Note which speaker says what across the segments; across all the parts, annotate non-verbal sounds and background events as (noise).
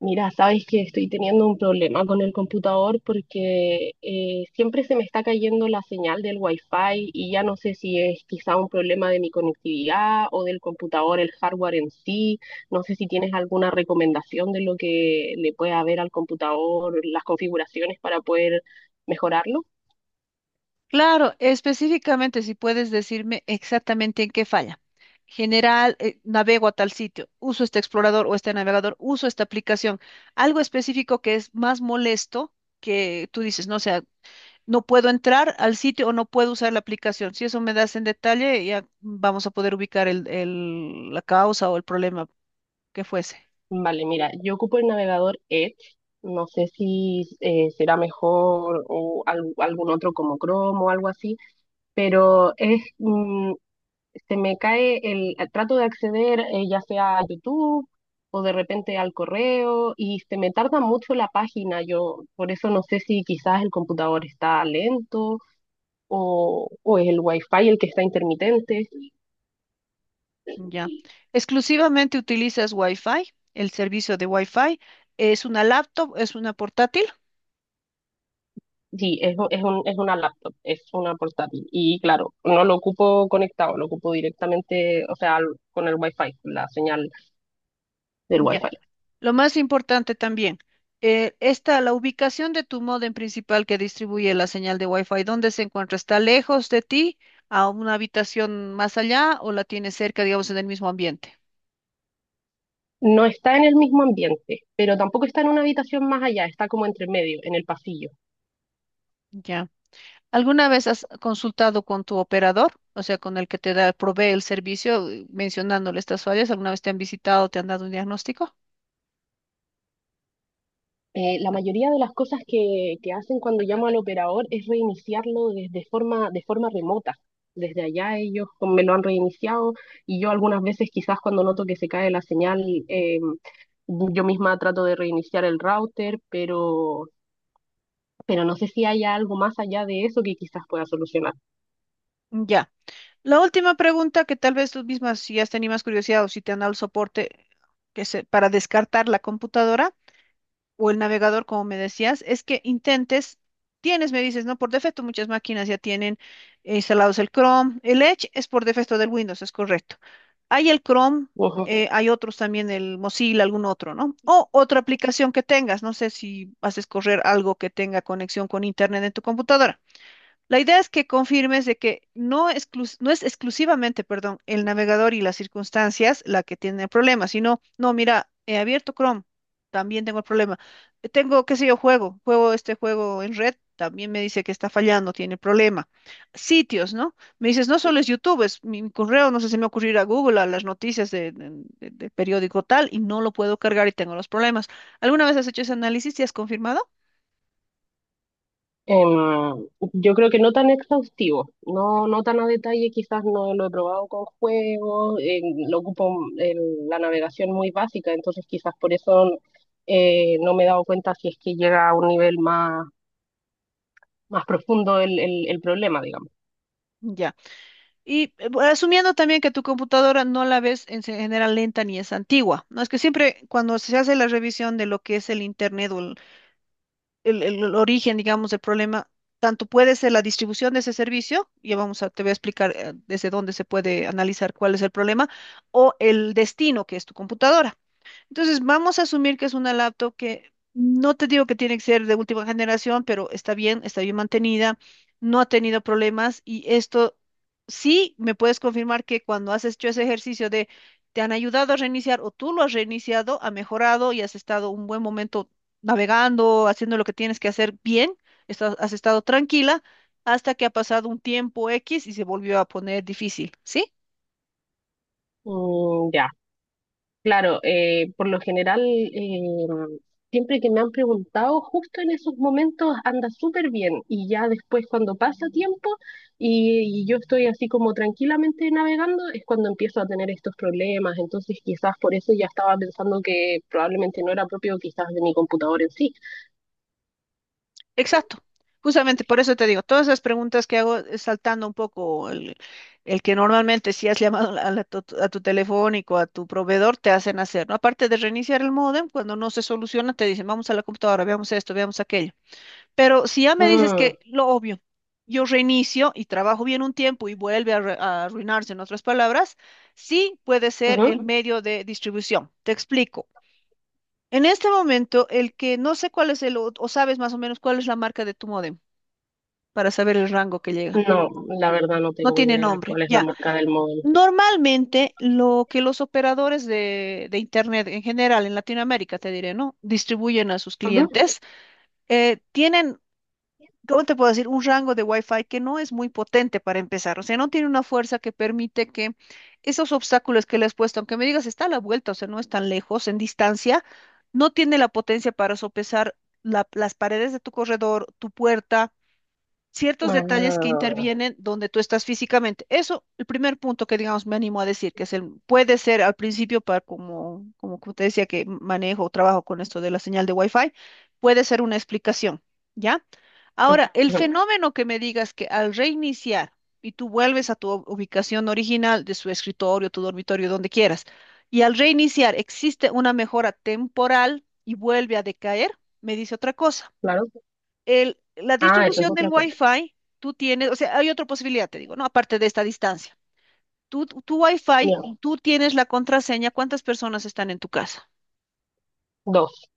Speaker 1: Mira, sabes que estoy teniendo un problema con el computador porque siempre se me está cayendo la señal del Wi-Fi y ya no sé si es quizá un problema de mi conectividad o del computador, el hardware en sí. No sé si tienes alguna recomendación de lo que le puede haber al computador, las configuraciones para poder mejorarlo.
Speaker 2: Claro, específicamente si puedes decirme exactamente en qué falla. General, navego a tal sitio, uso este explorador o este navegador, uso esta aplicación. Algo específico que es más molesto que tú dices, no, o sea, no puedo entrar al sitio o no puedo usar la aplicación. Si eso me das en detalle, ya vamos a poder ubicar la causa o el problema que fuese.
Speaker 1: Vale, mira, yo ocupo el navegador Edge. No sé si será mejor o algún otro como Chrome o algo así, pero se me cae trato de acceder, ya sea a YouTube o de repente al correo, y se me tarda mucho la página. Yo por eso no sé si quizás el computador está lento o es el wifi el que está intermitente.
Speaker 2: Ya. Exclusivamente utilizas Wi-Fi, el servicio de Wi-Fi. Es una laptop, es una portátil.
Speaker 1: Sí, es una laptop, es una portátil. Y claro, no lo ocupo conectado, lo ocupo directamente, o sea, con el Wi-Fi, la señal del Wi-Fi.
Speaker 2: Ya. Lo más importante también, está la ubicación de tu módem principal que distribuye la señal de Wi-Fi. ¿Dónde se encuentra? ¿Está lejos de ti, a una habitación más allá o la tienes cerca, digamos, en el mismo ambiente?
Speaker 1: No está en el mismo ambiente, pero tampoco está en una habitación más allá, está como entre medio, en el pasillo.
Speaker 2: Ya. ¿Alguna vez has consultado con tu operador, o sea, con el que te da, provee el servicio, mencionándole estas fallas? ¿Alguna vez te han visitado, te han dado un diagnóstico?
Speaker 1: La mayoría de las cosas que hacen cuando llamo al operador es reiniciarlo desde forma, de forma remota. Desde allá ellos me lo han reiniciado, y yo algunas veces quizás cuando noto que se cae la señal, yo misma trato de reiniciar el router, pero no sé si haya algo más allá de eso que quizás pueda solucionar.
Speaker 2: Ya. La última pregunta que tal vez tú misma, si has tenido más curiosidad o si te han dado el soporte que se, para descartar la computadora, o el navegador, como me decías, es que intentes, tienes, me dices, ¿no? Por defecto muchas máquinas ya tienen instalados el Chrome. El Edge es por defecto del Windows, es correcto. Hay el Chrome, hay otros también, el Mozilla, algún otro, ¿no? O otra aplicación que tengas, no sé si haces correr algo que tenga conexión con Internet en tu computadora. La idea es que confirmes de que no, exclus- no es exclusivamente, perdón, el navegador y las circunstancias la que tiene problemas, sino, no, mira, he abierto Chrome, también tengo el problema. Tengo, qué sé yo, juego este juego en red, también me dice que está fallando, tiene problema. Sitios, ¿no? Me dices, no solo es YouTube, mi correo, no sé si me ocurrirá Google, a las noticias de periódico tal, y no lo puedo cargar y tengo los problemas. ¿Alguna vez has hecho ese análisis y has confirmado?
Speaker 1: Em, yo creo que no tan exhaustivo, no, no tan a detalle, quizás no lo he probado con juegos. Lo ocupo en la navegación muy básica, entonces quizás por eso no me he dado cuenta si es que llega a un nivel más, más profundo el problema, digamos.
Speaker 2: Ya. Y asumiendo también que tu computadora no la ves en se- general lenta ni es antigua, ¿no? Es que siempre cuando se hace la revisión de lo que es el Internet o el origen, digamos, del problema, tanto puede ser la distribución de ese servicio, ya vamos a, te voy a explicar desde dónde se puede analizar cuál es el problema, o el destino que es tu computadora. Entonces, vamos a asumir que es una laptop que no te digo que tiene que ser de última generación, pero está bien mantenida, no ha tenido problemas y esto sí me puedes confirmar que cuando has hecho ese ejercicio de te han ayudado a reiniciar o tú lo has reiniciado, ha mejorado y has estado un buen momento navegando, haciendo lo que tienes que hacer bien, estás- has estado tranquila hasta que ha pasado un tiempo X y se volvió a poner difícil, ¿sí?
Speaker 1: Ya. Claro, por lo general, siempre que me han preguntado, justo en esos momentos anda súper bien, y ya después cuando pasa tiempo y yo estoy así como tranquilamente navegando, es cuando empiezo a tener estos problemas. Entonces quizás por eso ya estaba pensando que probablemente no era propio quizás de mi computador en sí.
Speaker 2: Exacto. Justamente por eso te digo, todas esas preguntas que hago saltando un poco el que normalmente si has llamado la- a tu telefónico, a tu proveedor, te hacen hacer, ¿no? Aparte de reiniciar el módem, cuando no se soluciona, te dicen, vamos a la computadora, veamos esto, veamos aquello. Pero si ya me dices
Speaker 1: Mm.
Speaker 2: que lo obvio, yo reinicio y trabajo bien un tiempo y vuelve a, re- a arruinarse, en otras palabras, sí puede ser
Speaker 1: Ujú.
Speaker 2: el Ujú. Medio de distribución. Te explico. En este momento, el que no sé cuál es el, o sabes más o menos cuál es la marca de tu módem para saber el rango que llega.
Speaker 1: No, la verdad no
Speaker 2: No
Speaker 1: tengo
Speaker 2: tiene
Speaker 1: idea
Speaker 2: nombre,
Speaker 1: cuál es la
Speaker 2: ya.
Speaker 1: marca del móvil.
Speaker 2: Normalmente lo que los operadores de Internet en general en Latinoamérica, te diré, ¿no? Distribuyen a sus
Speaker 1: Ujú.
Speaker 2: clientes, tienen, ¿cómo te puedo decir? Un rango de Wi-Fi que no es muy potente para empezar, o sea, no tiene una fuerza que permite que esos obstáculos que le has puesto, aunque me digas está a la vuelta, o sea, no es tan lejos en distancia, no tiene la potencia para sopesar la- las paredes de tu corredor, tu puerta ciertos detalles que
Speaker 1: Ah,
Speaker 2: intervienen donde tú estás físicamente. Eso, el primer punto que digamos me animo a decir, que es el, puede ser al principio para como, como que te decía que manejo o trabajo con esto de la señal de Wi-Fi, puede ser una explicación, ¿ya? Ahora, el
Speaker 1: ujú.
Speaker 2: fenómeno que me digas que al reiniciar y tú vuelves a tu u- ubicación original de su escritorio, tu dormitorio, donde quieras, y al reiniciar existe una mejora temporal y vuelve a decaer, me dice otra cosa
Speaker 1: Claro.
Speaker 2: el- la
Speaker 1: Ah, eso es
Speaker 2: distribución del
Speaker 1: otra cosa.
Speaker 2: Wi-Fi, tú tienes, o sea, hay otra posibilidad, te digo, ¿no? Aparte de esta distancia. Tú, tu Wi-Fi,
Speaker 1: Ya,
Speaker 2: tú tienes la contraseña, cuántas personas están en tu casa,
Speaker 1: dos,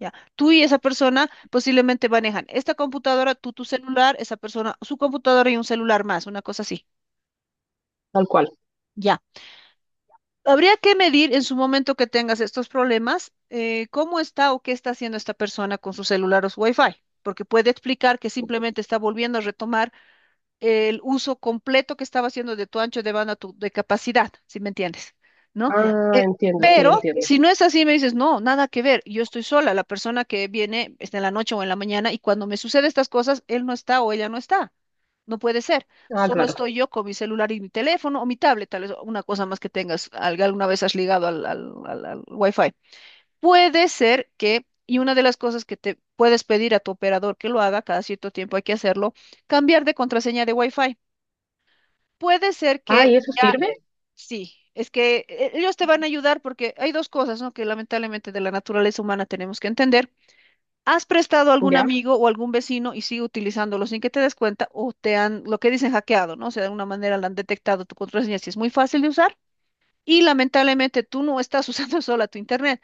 Speaker 2: ¿ya? Tú y esa persona posiblemente manejan esta computadora, tú tu celular, esa persona, su computadora y un celular más, una cosa así,
Speaker 1: tal cual.
Speaker 2: ¿ya? Habría que medir en su momento que tengas estos problemas, cómo está o qué está haciendo esta persona con su celular o su Wi-Fi, porque puede explicar que simplemente está volviendo a retomar el uso completo que estaba haciendo de tu ancho de banda, tu, de capacidad, si me entiendes, ¿no?
Speaker 1: Ah,
Speaker 2: Eh,
Speaker 1: entiendo, sí,
Speaker 2: pero
Speaker 1: entiendo.
Speaker 2: si no es así, me dices, no, nada que ver, yo estoy sola, la persona que viene está en la noche o en la mañana y cuando me suceden estas cosas, él no está o ella no está. No puede ser,
Speaker 1: Ah,
Speaker 2: solo
Speaker 1: claro.
Speaker 2: estoy yo con mi celular y mi teléfono o mi tablet, tal vez una cosa más que tengas, alguna vez has ligado al Wi-Fi. Puede ser que, y una de las cosas que te puedes pedir a tu operador que lo haga, cada cierto tiempo hay que hacerlo, cambiar de contraseña de Wi-Fi. Puede ser
Speaker 1: Ah, ¿y
Speaker 2: que
Speaker 1: eso sirve?
Speaker 2: sí, es que ellos te van a ayudar porque hay dos cosas, ¿no? Que lamentablemente de la naturaleza humana tenemos que entender. ¿Has prestado a algún
Speaker 1: Ya,
Speaker 2: amigo o algún vecino y sigue utilizándolo sin que te des cuenta o te han, lo que dicen, hackeado, ¿no? O sea, de alguna manera le han detectado tu contraseña si es muy fácil de usar y lamentablemente tú no estás usando (laughs) sola tu internet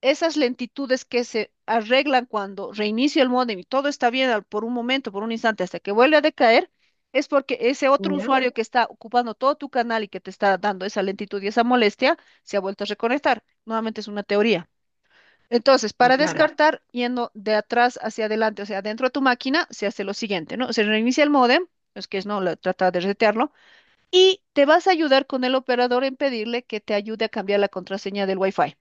Speaker 2: esas lentitudes que se arreglan cuando reinicio el módem y todo está bien al- por un momento, por un instante, hasta que vuelve a decaer, es porque ese otro
Speaker 1: ya,
Speaker 2: usuario que está ocupando todo tu canal y que te está dando esa lentitud y esa molestia, se ha vuelto a reconectar. Nuevamente es una teoría. Entonces, para
Speaker 1: claro,
Speaker 2: descartar, yendo de atrás hacia adelante, o sea, dentro de tu máquina, se hace lo siguiente, ¿no? Se reinicia el módem, es que es no, la- trata de resetearlo, y te vas a ayudar con el operador en pedirle que te ayude a cambiar la contraseña del Wi-Fi.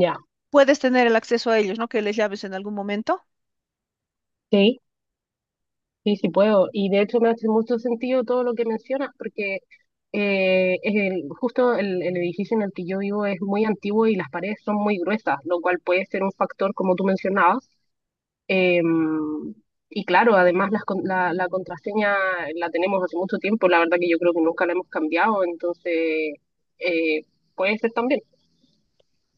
Speaker 1: ya.
Speaker 2: Puedes tener el acceso a ellos, ¿no? Que les llames en algún momento.
Speaker 1: Sí, sí, sí puedo. Y de hecho me hace mucho sentido todo lo que mencionas, porque es justo el edificio en el que yo vivo es muy antiguo y las paredes son muy gruesas, lo cual puede ser un factor, como tú mencionabas. Em, y claro, además las la contraseña la tenemos hace mucho tiempo, la verdad que yo creo que nunca la hemos cambiado, entonces eh, puede ser también.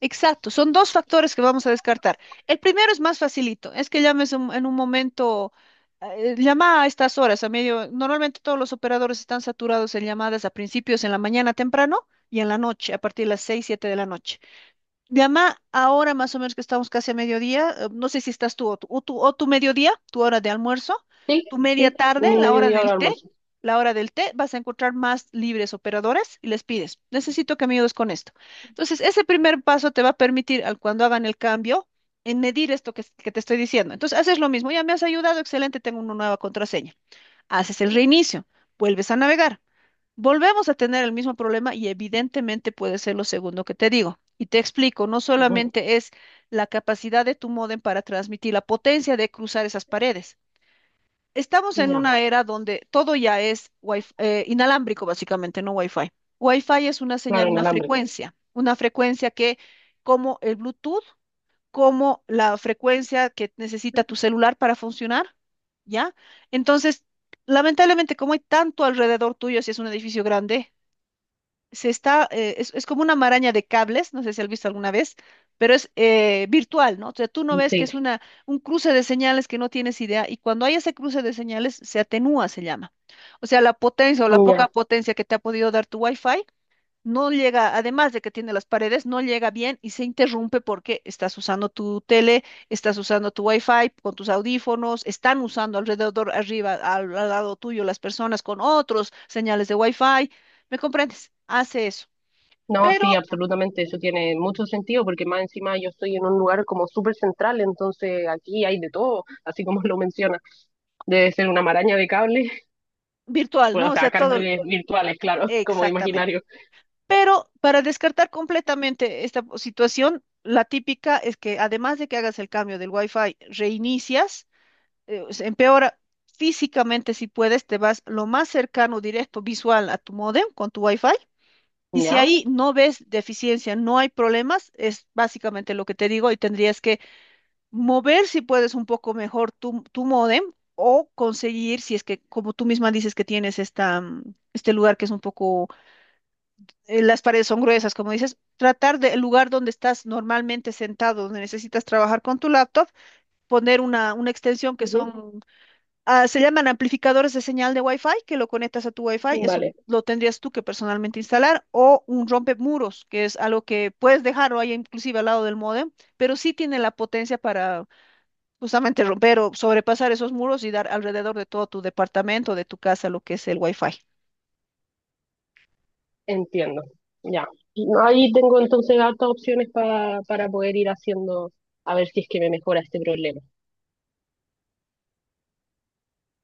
Speaker 2: Exacto, son dos factores que vamos a descartar. El primero es más facilito, es que llames en un momento, llama a estas horas, a medio, normalmente todos los operadores están saturados en llamadas a principios en la mañana temprano y en la noche, a partir de las 6 7 de la noche. Llama ahora más o menos que estamos casi a mediodía, no sé si estás tú o tu mediodía, tu hora de almuerzo,
Speaker 1: Sí,
Speaker 2: tu media
Speaker 1: sí,
Speaker 2: tarde,
Speaker 1: mi mediodía hora de almuerzo.
Speaker 2: la hora del té, vas a encontrar más libres operadores y les pides, necesito que me ayudes con esto. Entonces, ese primer paso te va a permitir al cuando hagan el cambio en medir esto que te estoy diciendo. Entonces, haces lo mismo, ya me has ayudado, excelente, tengo una nueva contraseña. Haces el reinicio, vuelves a navegar. Volvemos a tener el mismo problema y evidentemente puede ser lo segundo que te digo. Y te explico, no
Speaker 1: Ujú.
Speaker 2: solamente es la capacidad de tu módem para transmitir, la potencia de cruzar esas paredes. Estamos en
Speaker 1: Ya,
Speaker 2: una era donde todo ya es inalámbrico, básicamente, no Wi-Fi. Wi-Fi es una
Speaker 1: claro,
Speaker 2: señal,
Speaker 1: inalámbrico.
Speaker 2: una frecuencia que, como el Bluetooth, como la frecuencia que necesita tu celular para funcionar, ¿ya? Entonces, lamentablemente, como hay tanto alrededor tuyo, si es un edificio grande, se está, es como una maraña de cables, no sé si has visto alguna vez, pero es virtual, ¿no? O sea, tú no ves que
Speaker 1: Sí,
Speaker 2: es una, un cruce de señales que no tienes idea, y cuando hay ese cruce de señales, se atenúa, se llama. O sea, la potencia o la
Speaker 1: ya.
Speaker 2: poca potencia que te ha podido dar tu Wi-Fi no llega, además de que tiene las paredes, no llega bien y se interrumpe porque estás usando tu tele, estás usando tu wifi con tus audífonos, están usando alrededor, arriba, al lado tuyo las personas con otros señales de wifi. ¿Me comprendes? Hace eso,
Speaker 1: No, sí,
Speaker 2: pero
Speaker 1: absolutamente, eso tiene mucho sentido porque más encima yo estoy en un lugar como súper central, entonces aquí hay de todo, así como lo menciona. Debe ser una maraña de cables, (laughs)
Speaker 2: virtual,
Speaker 1: bueno,
Speaker 2: ¿no?
Speaker 1: o
Speaker 2: O sea,
Speaker 1: sea,
Speaker 2: todo,
Speaker 1: cables virtuales, claro, (laughs) como
Speaker 2: exactamente.
Speaker 1: imaginarios.
Speaker 2: Pero para descartar completamente esta situación, la típica es que además de que hagas el cambio del wifi, reinicias se empeora físicamente si puedes, te vas lo más cercano, directo, visual a tu módem con tu wifi. Y si
Speaker 1: Ya,
Speaker 2: ahí no ves deficiencia, no hay problemas, es básicamente lo que te digo y tendrías que mover si puedes un poco mejor tu módem o conseguir, si es que como tú misma dices que tienes esta, este lugar que es un poco, las paredes son gruesas, como dices, tratar del lugar donde estás normalmente sentado, donde necesitas trabajar con tu laptop, poner una extensión que
Speaker 1: ujú.
Speaker 2: son Ah, se llaman amplificadores de señal de Wi-Fi, que lo conectas a tu Wi-Fi, eso
Speaker 1: Vale,
Speaker 2: lo tendrías tú que personalmente instalar, o un rompemuros, que es algo que puedes dejarlo ahí inclusive al lado del módem, pero sí tiene la potencia para justamente romper o sobrepasar esos muros y dar alrededor de todo tu departamento, de tu casa, lo que es el Wi-Fi.
Speaker 1: entiendo. Ya. No, ahí tengo entonces hartas opciones para poder ir haciendo, a ver si es que me mejora este problema.